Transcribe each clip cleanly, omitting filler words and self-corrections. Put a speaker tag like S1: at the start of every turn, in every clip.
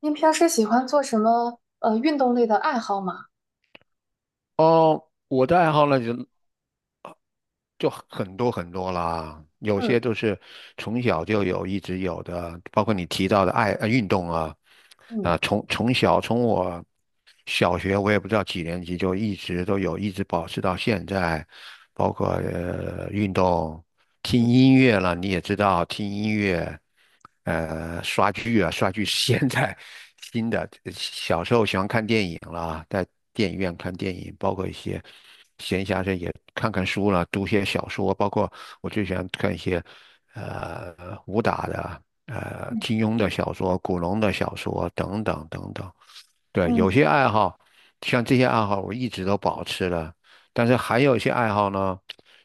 S1: 您平时喜欢做什么运动类的爱好吗？
S2: 哦，我的爱好呢就很多很多啦，有些
S1: 嗯
S2: 都是从小就有，一直有的，包括你提到的运动啊，
S1: 嗯
S2: 啊、从我小学我也不知道几年级就一直都有，一直保持到现在，包括运动。
S1: 嗯
S2: 听音乐了，你也知道听音乐，刷剧啊，刷剧是现在新的。小时候喜欢看电影啦，在电影院看电影，包括一些闲暇时也看看书了，读些小说，包括我最喜欢看一些呃武打的、
S1: 嗯
S2: 金庸的小说、古龙的小说等等等等。对，
S1: 嗯
S2: 有些爱好，像这些爱好，我一直都保持了。但是还有一些爱好呢，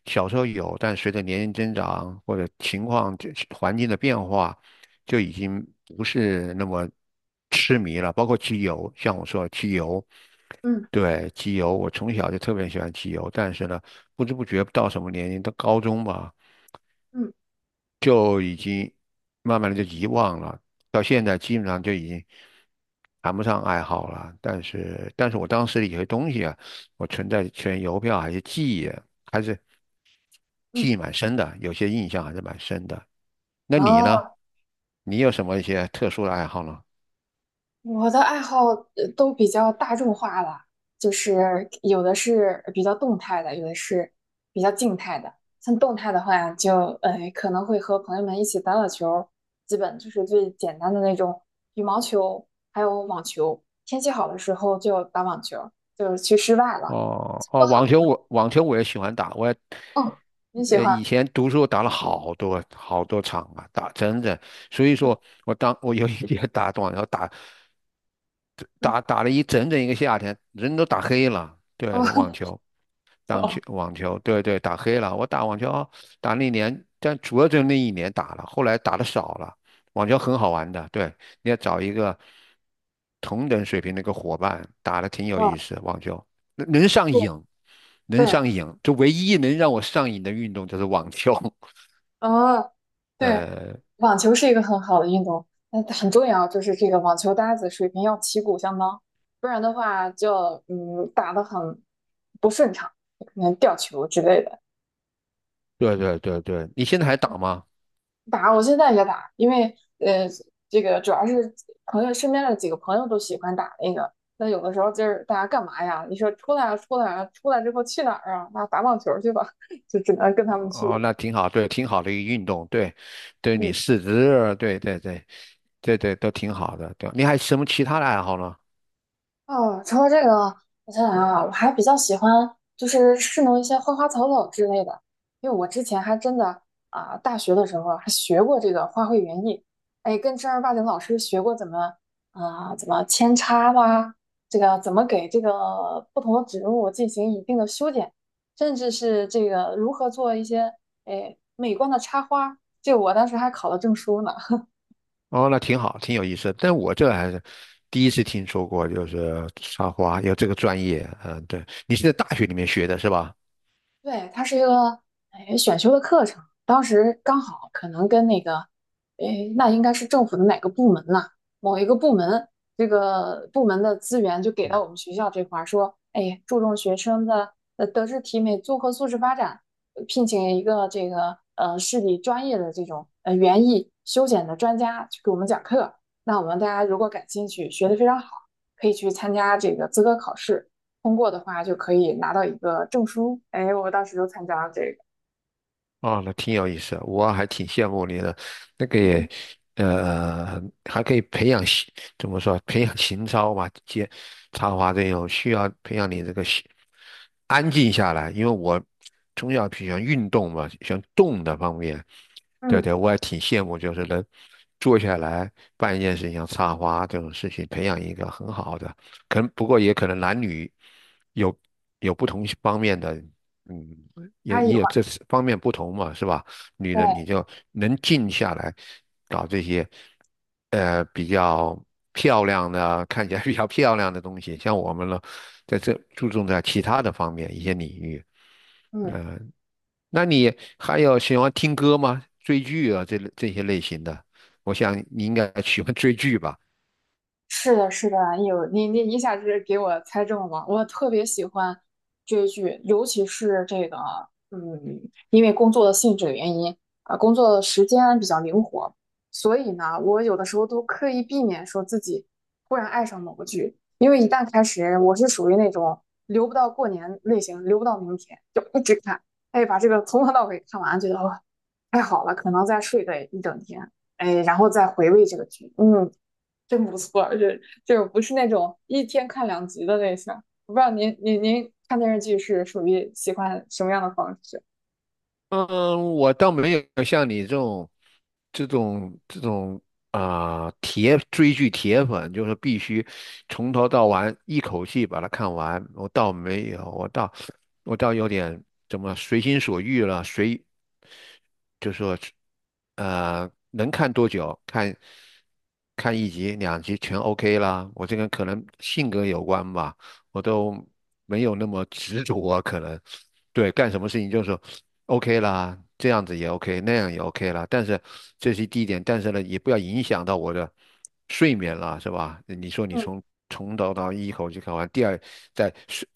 S2: 小时候有，但随着年龄增长或者情况、这环境的变化，就已经不是那么痴迷了。包括机油，像我说的机油，
S1: 嗯
S2: 对，机油，我从小就特别喜欢机油，但是呢，不知不觉到什么年龄，到高中吧，
S1: 嗯。
S2: 就已经慢慢的就遗忘了，到现在基本上就已经谈不上爱好了。但是我当时的有些东西啊，我存邮票还是
S1: 嗯
S2: 记忆蛮深的，有些印象还是蛮深的。那你呢？
S1: 哦，
S2: 你有什么一些特殊的爱好呢？
S1: 我的爱好都比较大众化了，就是有的是比较动态的，有的是比较静态的。像动态的话就，可能会和朋友们一起打打球，基本就是最简单的那种羽毛球，还有网球。天气好的时候就打网球，就是去室外了，
S2: 哦哦，
S1: 多好。
S2: 网球我也喜欢打，
S1: 哦，你喜
S2: 以
S1: 欢？
S2: 前读书打了好多好多场啊，打真的，所以说
S1: 嗯
S2: 我有一天 打网球打
S1: 嗯。
S2: 打打了整整一个夏天，人都打黑了。对，
S1: 哦。
S2: 网球，当球
S1: 哦，
S2: 网球，对对，打黑了。我打网球打那年，但主要就那一年打了，后来打的少了。网球很好玩的，对，你要找一个同等水平的一个伙伴，打 的挺有
S1: 嗯，
S2: 意思。网球，能上
S1: 是，
S2: 瘾，能
S1: 对，
S2: 上瘾，就唯一能让我上瘾的运动就是网球。
S1: 哦，对，
S2: 呃，
S1: 网球是一个很好的运动，那很重要，就是这个网球搭子水平要旗鼓相当，不然的话就打得很不顺畅，可能掉球之类的。
S2: 对对对对，你现在还打吗？
S1: 打我现在也打，因为这个主要是朋友身边的几个朋友都喜欢打那个，那有的时候就是大家干嘛呀？你说出来啊出来啊，出来之后去哪儿啊？那打网球去吧，就只能跟他们去
S2: 哦，那
S1: 了。
S2: 挺好，对，挺好的一个运动，对，对你
S1: 嗯。
S2: 四肢，对对对对对，都挺好的，对。你还有什么其他的爱好呢？
S1: 哦，除了这个，我想想啊，我还比较喜欢就是侍弄一些花花草草之类的，因为我之前还真的啊、大学的时候还学过这个花卉园艺，哎，跟正儿八经老师学过怎么扦插啦，这个怎么给这个不同的植物进行一定的修剪，甚至是这个如何做一些哎美观的插花，这我当时还考了证书呢。
S2: 哦，那挺好，挺有意思的，但我这还是第一次听说过，就是插花有这个专业。嗯，对，你是在大学里面学的是吧？
S1: 对，它是一个哎选修的课程，当时刚好可能跟那个，哎，那应该是政府的哪个部门呐？某一个部门，这个部门的资源就给到我们学校这块儿，说，哎，注重学生的德智体美综合素质发展，聘请一个这个市里专业的这种园艺修剪的专家去给我们讲课。那我们大家如果感兴趣，学得非常好，可以去参加这个资格考试。通过的话就可以拿到一个证书。哎，我当时就参加了这个。
S2: 哦，那挺有意思，我还挺羡慕你的。那个也，
S1: 嗯，
S2: 还可以培养怎么说，培养情操嘛，插花这种需要培养你这个安静下来。因为我从小喜欢运动嘛，喜欢动的方面。对
S1: 嗯
S2: 对，我也挺羡慕，就是能坐下来办一件事情，像插花这种事情，培养一个很好的。可能不过也可能男女有有不同方面的。嗯，也
S1: 差异
S2: 也有
S1: 化，
S2: 这方面不同嘛，是吧？女的你
S1: 对，
S2: 就能静下来，搞这些，比较漂亮的，看起来比较漂亮的东西。像我们呢，在这注重在其他的方面一些领域。
S1: 嗯。
S2: 呃，那你还有喜欢听歌吗？追剧啊，这些类型的，我想你应该喜欢追剧吧？
S1: 是的，是的，有你一下子给我猜中了，我特别喜欢追剧，尤其是这个，嗯，因为工作的性质原因，啊、工作的时间比较灵活，所以呢，我有的时候都刻意避免说自己忽然爱上某个剧，因为一旦开始，我是属于那种留不到过年类型，留不到明天，就一直看，哎，把这个从头到尾看完，觉得哦，太好了，可能再睡个一整天，哎，然后再回味这个剧，嗯。真不错，就是不是那种一天看两集的类型。我不知道您看电视剧是属于喜欢什么样的方式？
S2: 嗯，我倒没有像你这种啊、铁追剧铁粉，就是必须从头到完一口气把它看完。我倒没有，我倒有点怎么随心所欲了，随就说能看多久看看一集两集全 OK 啦。我这个人可能性格有关吧。我都没有那么执着啊，可能对干什么事情就是说 OK 啦，这样子也 OK,那样也 OK 啦。但是这是第一点，但是呢，也不要影响到我的睡眠了，是吧？你说你
S1: 嗯，
S2: 从头到一口气看完，第二在睡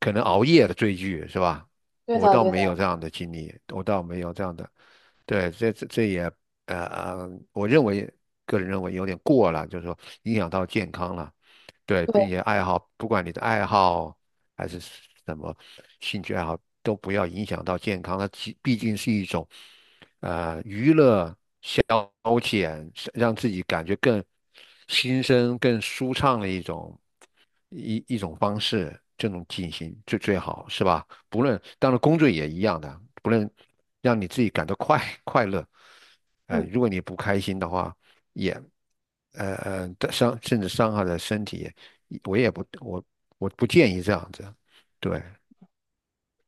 S2: 可能熬夜的追剧是吧？
S1: 对
S2: 我
S1: 的
S2: 倒
S1: 对的，
S2: 没有这样的经历，我倒没有这样的，对，这也呃，我认为个人认为有点过了，就是说影响到健康了。对，并
S1: 对，
S2: 且爱好，不管你的爱好还是什么兴趣爱好，都不要影响到健康。它既毕竟是一种娱乐消遣，是让自己感觉更心生、更舒畅的一种方式，这种进行最最好，是吧？不论当然工作也一样的，不论让你自己感到快乐，
S1: 嗯。
S2: 如果你不开心的话，也。呃甚至伤害了身体，我也不，我我不建议这样子。对，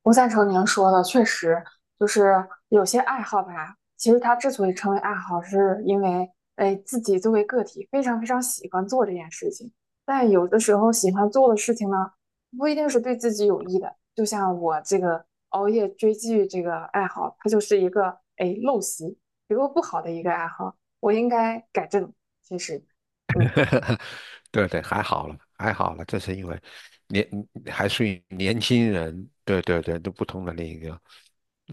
S1: 我赞成您说的，确实就是有些爱好吧。其实它之所以称为爱好，是因为哎自己作为个体非常非常喜欢做这件事情。但有的时候喜欢做的事情呢，不一定是对自己有益的。就像我这个熬夜追剧这个爱好，它就是一个哎陋习，一个不好的一个爱好，我应该改正。其实，嗯。
S2: 对对，还好了，还好了，这是因为年还属于年轻人，对对对，都不同的那个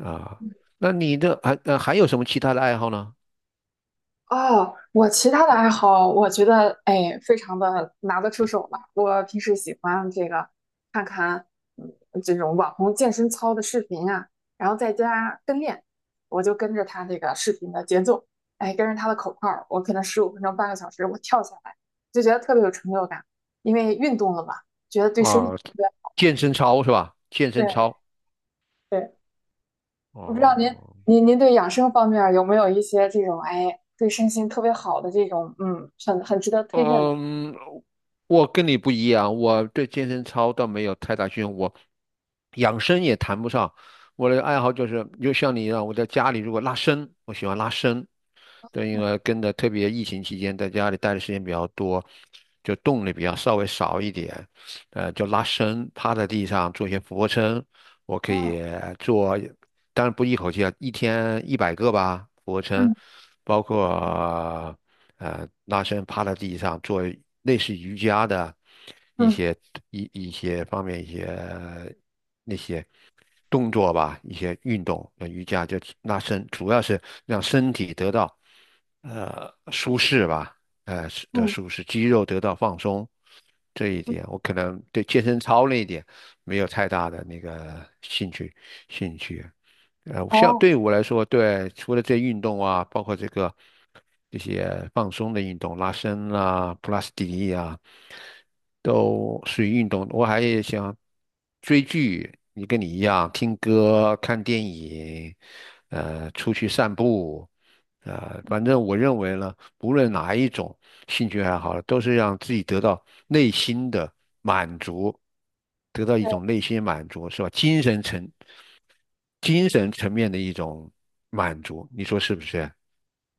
S2: 啊。那你的还呃还有什么其他的爱好呢？
S1: 哦，我其他的爱好，我觉得哎，非常的拿得出手吧。我平时喜欢这个看看嗯这种网红健身操的视频啊，然后在家跟练，我就跟着他这个视频的节奏，哎，跟着他的口号儿我可能15分钟、半个小时，我跳下来就觉得特别有成就感，因为运动了嘛，觉得对身体
S2: 啊，
S1: 特别
S2: 健身操是吧？健 身
S1: 对
S2: 操
S1: 对，我不知道您
S2: 哦，
S1: 您您对养生方面儿有没有一些这种哎对身心特别好的这种很值得推荐的。
S2: 嗯，我跟你不一样，我对健身操倒没有太大兴趣，我养生也谈不上。我的爱好就是，就像你一样，我在家里如果拉伸，我喜欢拉伸。对，因为跟着特别疫情期间在家里待的时间比较多，就动力比较稍微少一点，就拉伸，趴在地上做一些俯卧撑，我可
S1: 嗯
S2: 以做，当然不一口气啊，一天100个吧，俯卧撑，
S1: 嗯，
S2: 包括。拉伸趴在地上做类似瑜伽的一
S1: 嗯
S2: 些一些方面一些那些动作吧，一些运动，瑜伽就拉伸，主要是让身体得到舒适吧，是的
S1: 嗯，
S2: 舒适，肌肉得到放松。这一
S1: 嗯，
S2: 点我可能对健身操那一点没有太大的那个兴趣。像
S1: 哦，
S2: 对我来说，对，除了这运动啊，包括这些放松的运动，拉伸啊、普拉斯提力啊，都属于运动。我还也想追剧，跟你一样，听歌、看电影，出去散步，反正我认为呢，无论哪一种兴趣爱好，都是让自己得到内心的满足，得到一种
S1: 对
S2: 内心满足，是吧？精神层面的一种满足，你说是不是？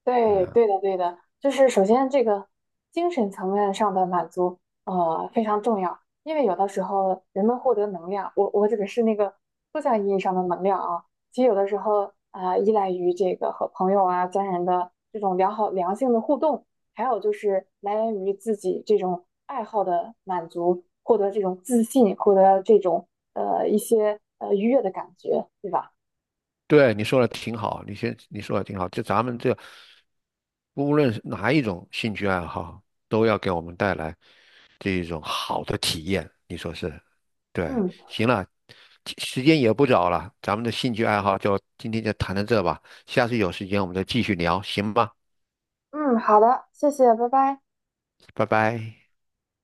S1: 对对的对的，就是首先这个精神层面上的满足，非常重要，因为有的时候人们获得能量，我指的是那个抽象意义上的能量啊，其实有的时候啊，依赖于这个和朋友啊、家人的这种良好良性的互动，还有就是来源于自己这种爱好的满足，获得这种自信，获得这种一些愉悦的感觉，对吧？
S2: 对，你说的挺好，你说的挺好，就咱们这无论是哪一种兴趣爱好，都要给我们带来这一种好的体验，你说是？对，
S1: 嗯。
S2: 行了，其时间也不早了，咱们的兴趣爱好就今天就谈到这吧，下次有时间我们再继续聊，行吧？
S1: 嗯，好的，谢谢，拜拜。
S2: 拜拜。